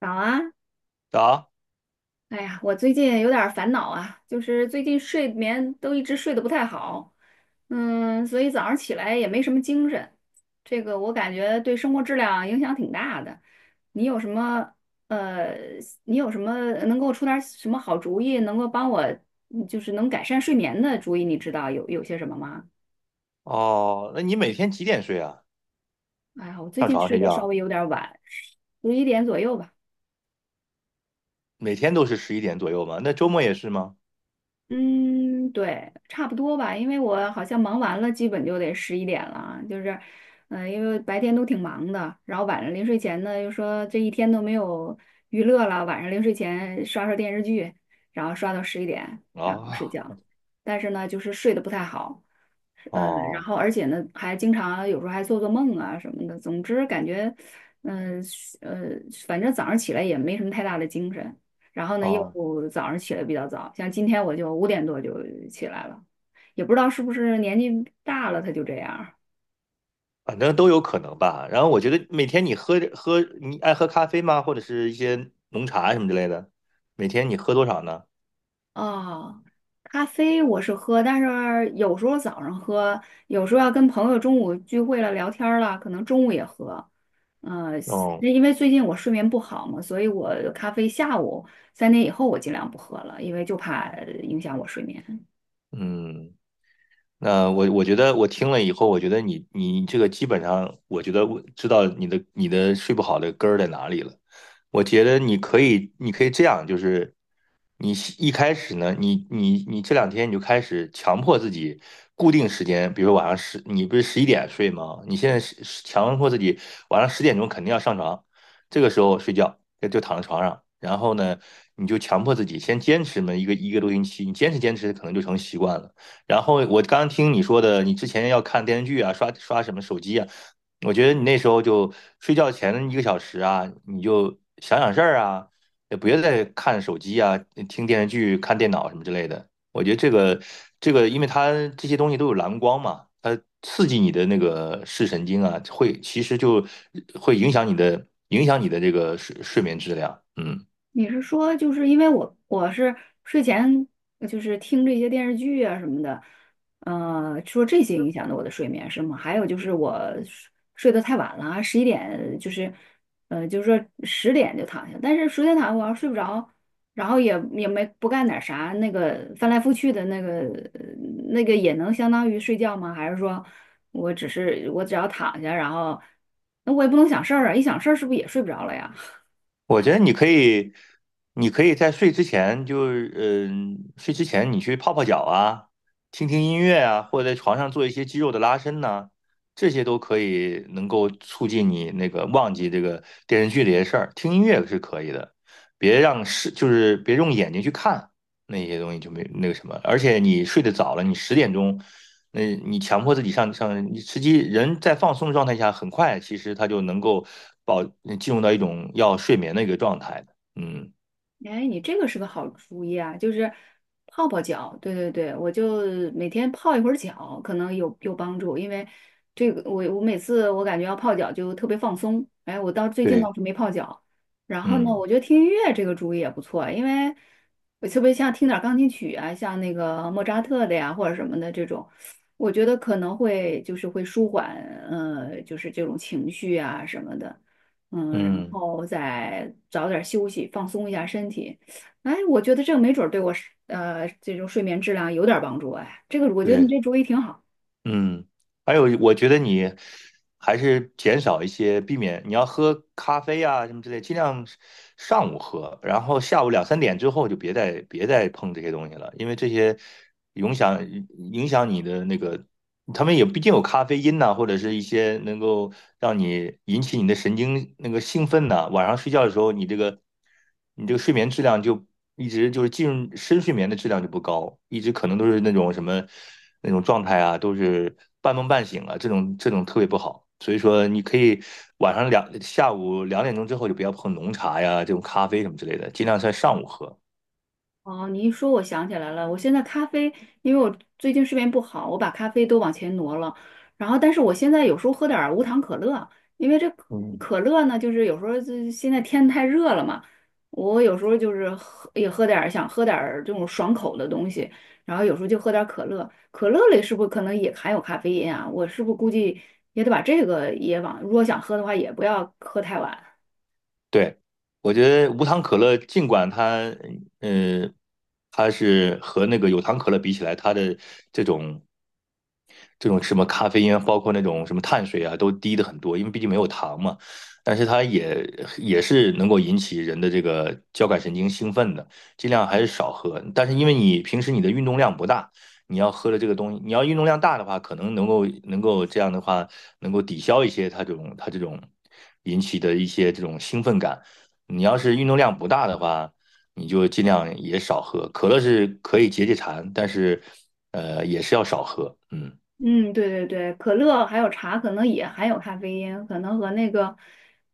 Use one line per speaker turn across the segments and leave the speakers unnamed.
早啊，
啊，
哎呀，我最近有点儿烦恼啊，就是最近睡眠都一直睡得不太好，所以早上起来也没什么精神，这个我感觉对生活质量影响挺大的。你有什么呃，你有什么能给我出点儿什么好主意，能够帮我就是能改善睡眠的主意？你知道有些什么吗？
哦，那你每天几点睡啊？
哎呀，我最
上
近
床
睡
睡
得稍
觉，
微有点儿晚，十一点左右吧。
每天都是十一点左右吗？那周末也是吗？
嗯，对，差不多吧，因为我好像忙完了，基本就得十一点了啊，就是，因为白天都挺忙的，然后晚上临睡前呢，又说这一天都没有娱乐了，晚上临睡前刷刷电视剧，然后刷到十一点，然后睡
啊，
觉，但是呢，就是睡得不太好，然
哦，
后而且呢，还经常有时候还做做梦啊什么的，总之感觉，嗯、呃，反正早上起来也没什么太大的精神。然后呢又
哦，
早上起得比较早，像今天我就5点多就起来了，也不知道是不是年纪大了他就这样啊。
反正都有可能吧。然后我觉得每天你爱喝咖啡吗？或者是一些浓茶什么之类的，每天你喝多少呢？
咖啡我是喝，但是有时候早上喝，有时候要跟朋友中午聚会了聊天儿了，可能中午也喝。呃，
哦，
因为最近我睡眠不好嘛，所以我咖啡下午三点以后我尽量不喝了，因为就怕影响我睡眠。
嗯。那我觉得我听了以后，我觉得你这个基本上，我觉得我知道你的睡不好的根儿在哪里了。我觉得你可以这样，就是你一开始呢，你这两天你就开始强迫自己固定时间，比如说晚上十，你不是十一点睡吗？你现在是强迫自己晚上十点钟肯定要上床，这个时候睡觉就躺在床上，然后呢，你就强迫自己先坚持那么一多星期，你坚持可能就成习惯了。然后我刚听你说的，你之前要看电视剧啊，刷刷什么手机啊，我觉得你那时候就睡觉前一个小时啊，你就想想事儿啊，也不要再看手机啊、听电视剧、看电脑什么之类的。我觉得因为它这些东西都有蓝光嘛，它刺激你的那个视神经啊，其实会影响你的这个睡眠质量。嗯。
你是说，就是因为我是睡前就是听这些电视剧啊什么的，说这些影响了我的睡眠是吗？还有就是我睡得太晚了，十一点就是，就是说十点就躺下，但是十点躺下我要睡不着，然后也没不干点啥，那个翻来覆去的呃那个也能相当于睡觉吗？还是说我只要躺下，然后那我也不能想事儿啊，一想事儿是不是也睡不着了呀？
我觉得你可以，你可以在睡之前就，睡之前你去泡泡脚啊，听听音乐啊，或者在床上做一些肌肉的拉伸呐、这些都可以能够促进你那个忘记这个电视剧这些事儿。听音乐是可以的，别让是就是别用眼睛去看那些东西就没那个什么。而且你睡得早了，你十点钟。那你强迫自己你实际人在放松状态下，很快其实他就能够保进入到一种要睡眠的一个状态的。嗯
哎，你这个是个好主意啊，就是泡泡脚，对对对，我就每天泡一会儿脚，可能有帮助，因为这个我每次我感觉要泡脚就特别放松，哎，我到最近
对
倒是没泡脚，然后呢，
嗯
我觉得听音乐这个主意也不错，因为我特别像听点儿钢琴曲啊，像那个莫扎特的呀或者什么的这种，我觉得可能会就是会舒缓，就是这种情绪啊什么的。然
嗯
后再早点休息，放松一下身体。哎，我觉得这个没准儿对我是这种睡眠质量有点儿帮助。哎，这个我觉得你
对，
这主意挺好。
嗯，还有我觉得你还是减少一些，避免你要喝咖啡啊什么之类，尽量上午喝，然后下午两三点之后就别再碰这些东西了，因为这些影响影响你的那个。他们也毕竟有咖啡因呐、或者是一些能够让你引起你的神经那个兴奋呐、晚上睡觉的时候，你这个睡眠质量就一直就是进入深睡眠的质量就不高，一直可能都是那种什么那种状态啊，都是半梦半醒啊，这种特别不好。所以说，你可以晚上两下午两点钟之后就不要碰浓茶呀、这种咖啡什么之类的，尽量在上午喝。
哦，你一说，我想起来了。我现在咖啡，因为我最近睡眠不好，我把咖啡都往前挪了。然后，但是我现在有时候喝点儿无糖可乐，因为这可
嗯
可乐呢，就是有时候现在天太热了嘛，我有时候就是喝也喝点儿想喝点儿这种爽口的东西，然后有时候就喝点儿可乐。可乐里是不是可能也含有咖啡因啊？我是不是估计也得把这个也往，如果想喝的话，也不要喝太晚。
对，我觉得无糖可乐，尽管它，嗯，它是和那个有糖可乐比起来，它的这种这种什么咖啡因，包括那种什么碳水啊，都低的很多，因为毕竟没有糖嘛。但是它也是能够引起人的这个交感神经兴奋的，尽量还是少喝。但是因为你平时你的运动量不大，你要喝的这个东西，你要运动量大的话，可能能够这样的话，能够抵消一些它这种引起的一些这种兴奋感。你要是运动量不大的话，你就尽量也少喝。可乐是可以解解馋，但是也是要少喝。嗯，
嗯，对对对，可乐还有茶可能也含有咖啡因，可能和那个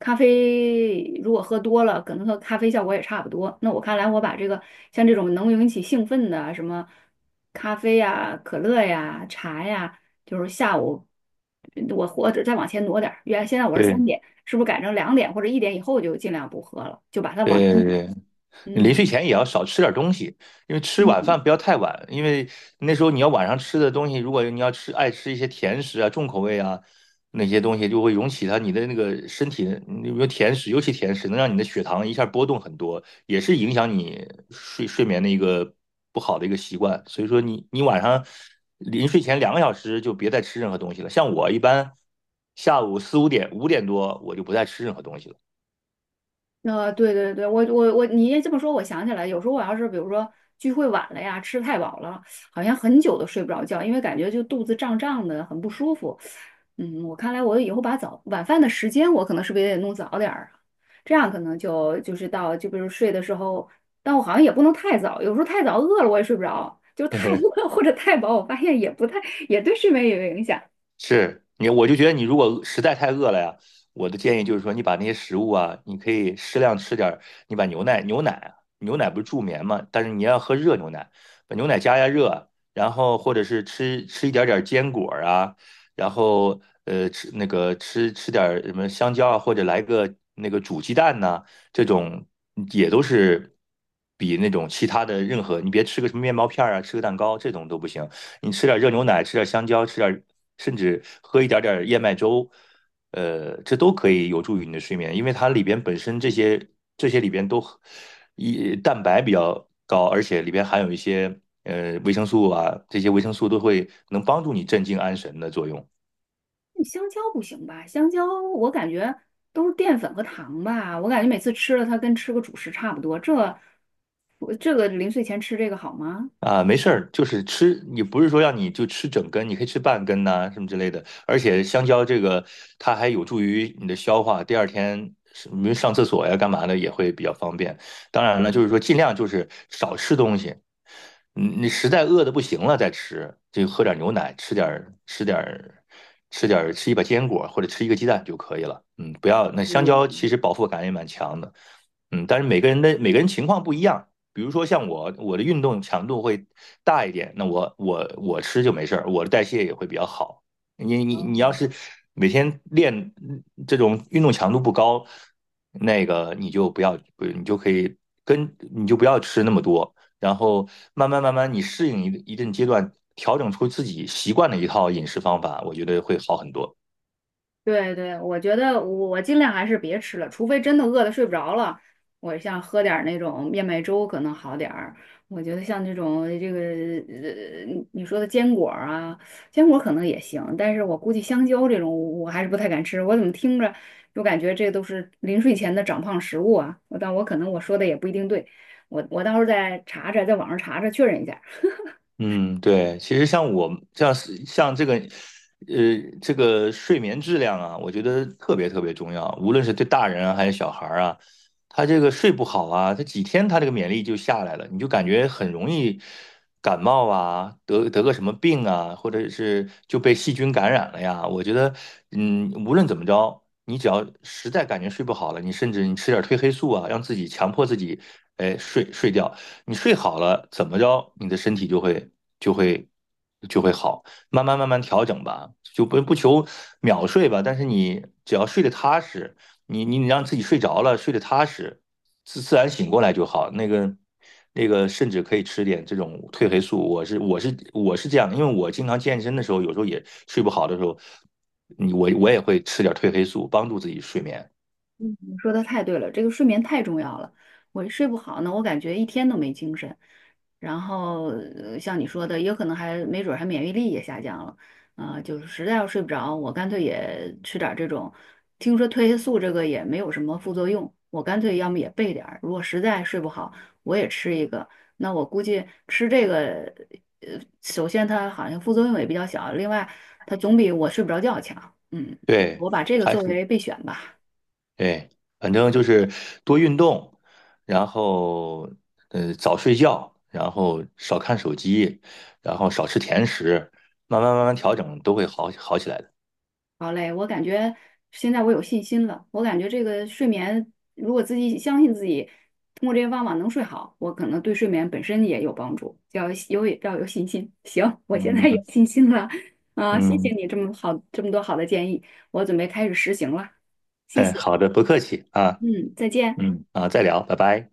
咖啡如果喝多了，可能和咖啡效果也差不多。那我看来，我把像这种能引起兴奋的什么咖啡呀、可乐呀、茶呀，就是下午我或者再往前挪点儿，原来现在我是三
对。
点，是不是改成2点或者一点以后就尽量不喝了，就把它往
对
前
对
挪？
对，临睡
嗯
前也要少吃点东西，因为吃晚
嗯。
饭不要太晚，因为那时候你要晚上吃的东西，如果你要吃爱吃一些甜食啊、重口味啊那些东西，就会涌起它你的那个身体，你比如甜食，尤其甜食能让你的血糖一下波动很多，也是影响你睡眠的一个不好的一个习惯。所以说你晚上临睡前两个小时就别再吃任何东西了。像我一般下午四五点、五点多我就不再吃任何东西了。
对对对，我，你这么说，我想起来，有时候我要是比如说聚会晚了呀，吃太饱了，好像很久都睡不着觉，因为感觉就肚子胀胀的，很不舒服。我看来我以后把早晚饭的时间，我可能是不是也得弄早点儿啊？这样可能就是到就比如睡的时候，但我好像也不能太早，有时候太早饿了我也睡不着，就太 饿 或者太饱，我发现也不太也对睡眠也有影响。
我就觉得你如果实在太饿了呀，我的建议就是说，你把那些食物啊，你可以适量吃点儿。你把牛奶，牛奶啊，牛奶不是助眠嘛，但是你要喝热牛奶，把牛奶加加热，然后或者是吃一点点坚果儿啊，然后吃那个吃点儿什么香蕉啊，或者来个那个煮鸡蛋呐、这种也都是比那种其他的任何，你别吃个什么面包片儿啊，吃个蛋糕这种都不行。你吃点热牛奶，吃点香蕉，吃点甚至喝一点点燕麦粥，这都可以有助于你的睡眠，因为它里边本身这些这些里边都一蛋白比较高，而且里边含有一些维生素啊，这些维生素都会能帮助你镇静安神的作用。
香蕉不行吧？香蕉我感觉都是淀粉和糖吧，我感觉每次吃了它跟吃个主食差不多。我这个临睡前吃这个好吗？
啊，没事儿，就是吃，你不是说让你就吃整根，你可以吃半根呐、什么之类的。而且香蕉这个，它还有助于你的消化，第二天是比如上厕所呀、干嘛的也会比较方便。当然了，就是说尽量就是少吃东西，你实在饿的不行了再吃，就喝点牛奶，吃点儿吃一把坚果或者吃一个鸡蛋就可以了。嗯，不要那香
对，
蕉其实饱腹感也蛮强的。嗯，但是每个人情况不一样。比如说像我，我的运动强度会大一点，那我吃就没事儿，我的代谢也会比较好。你要
哦。
是每天练这种运动强度不高，那个你就不要，不你就可以你就不要吃那么多，然后慢慢慢慢你适应一定阶段，调整出自己习惯的一套饮食方法，我觉得会好很多。
对对，我觉得我尽量还是别吃了，除非真的饿得睡不着了，我像喝点儿那种燕麦粥可能好点儿。我觉得像这种你说的坚果儿啊，坚果儿可能也行，但是我估计香蕉这种我还是不太敢吃。我怎么听着就感觉这都是临睡前的长胖食物啊？但我可能我说的也不一定对，我到时候再查查，在网上查查确认一下。
嗯，对，其实像我像是像这个，这个睡眠质量啊，我觉得特别特别重要，无论是对大人啊还是小孩儿啊，他这个睡不好啊，他几天他这个免疫力就下来了，你就感觉很容易感冒啊，得个什么病啊，或者是就被细菌感染了呀。我觉得，嗯，无论怎么着，你只要实在感觉睡不好了，你甚至你吃点褪黑素啊，让自己强迫自己，哎，睡觉。你睡好了，怎么着，你的身体就会就会好，慢慢慢慢调整吧，就不求秒睡吧，但是你只要睡得踏实，你让自己睡着了，睡得踏实，自然醒过来就好。甚至可以吃点这种褪黑素，我这样的，因为我经常健身的时候，有时候也睡不好的时候，我也会吃点褪黑素，帮助自己睡眠。
你说的太对了，这个睡眠太重要了。我一睡不好呢，我感觉一天都没精神。然后，像你说的，也有可能还没准儿还免疫力也下降了。啊、就是实在要睡不着，我干脆也吃点儿这种。听说褪黑素这个也没有什么副作用，我干脆要么也备点儿。如果实在睡不好，我也吃一个。那我估计吃这个，首先它好像副作用也比较小，另外它总比我睡不着觉强。嗯，
对，
我把这个
还
作
是
为备选吧。
对，反正就是多运动，然后早睡觉，然后少看手机，然后少吃甜食，慢慢慢慢调整都会好好起来的。
好嘞，我感觉现在我有信心了。我感觉这个睡眠，如果自己相信自己，通过这些方法能睡好，我可能对睡眠本身也有帮助。要有信心。行，我现
嗯
在有
嗯，
信心了啊！谢
嗯
谢你这么多好的建议，我准备开始实行了。谢
哎，
谢，
好的，不客气啊，
嗯，再见。
嗯啊，再聊，拜拜。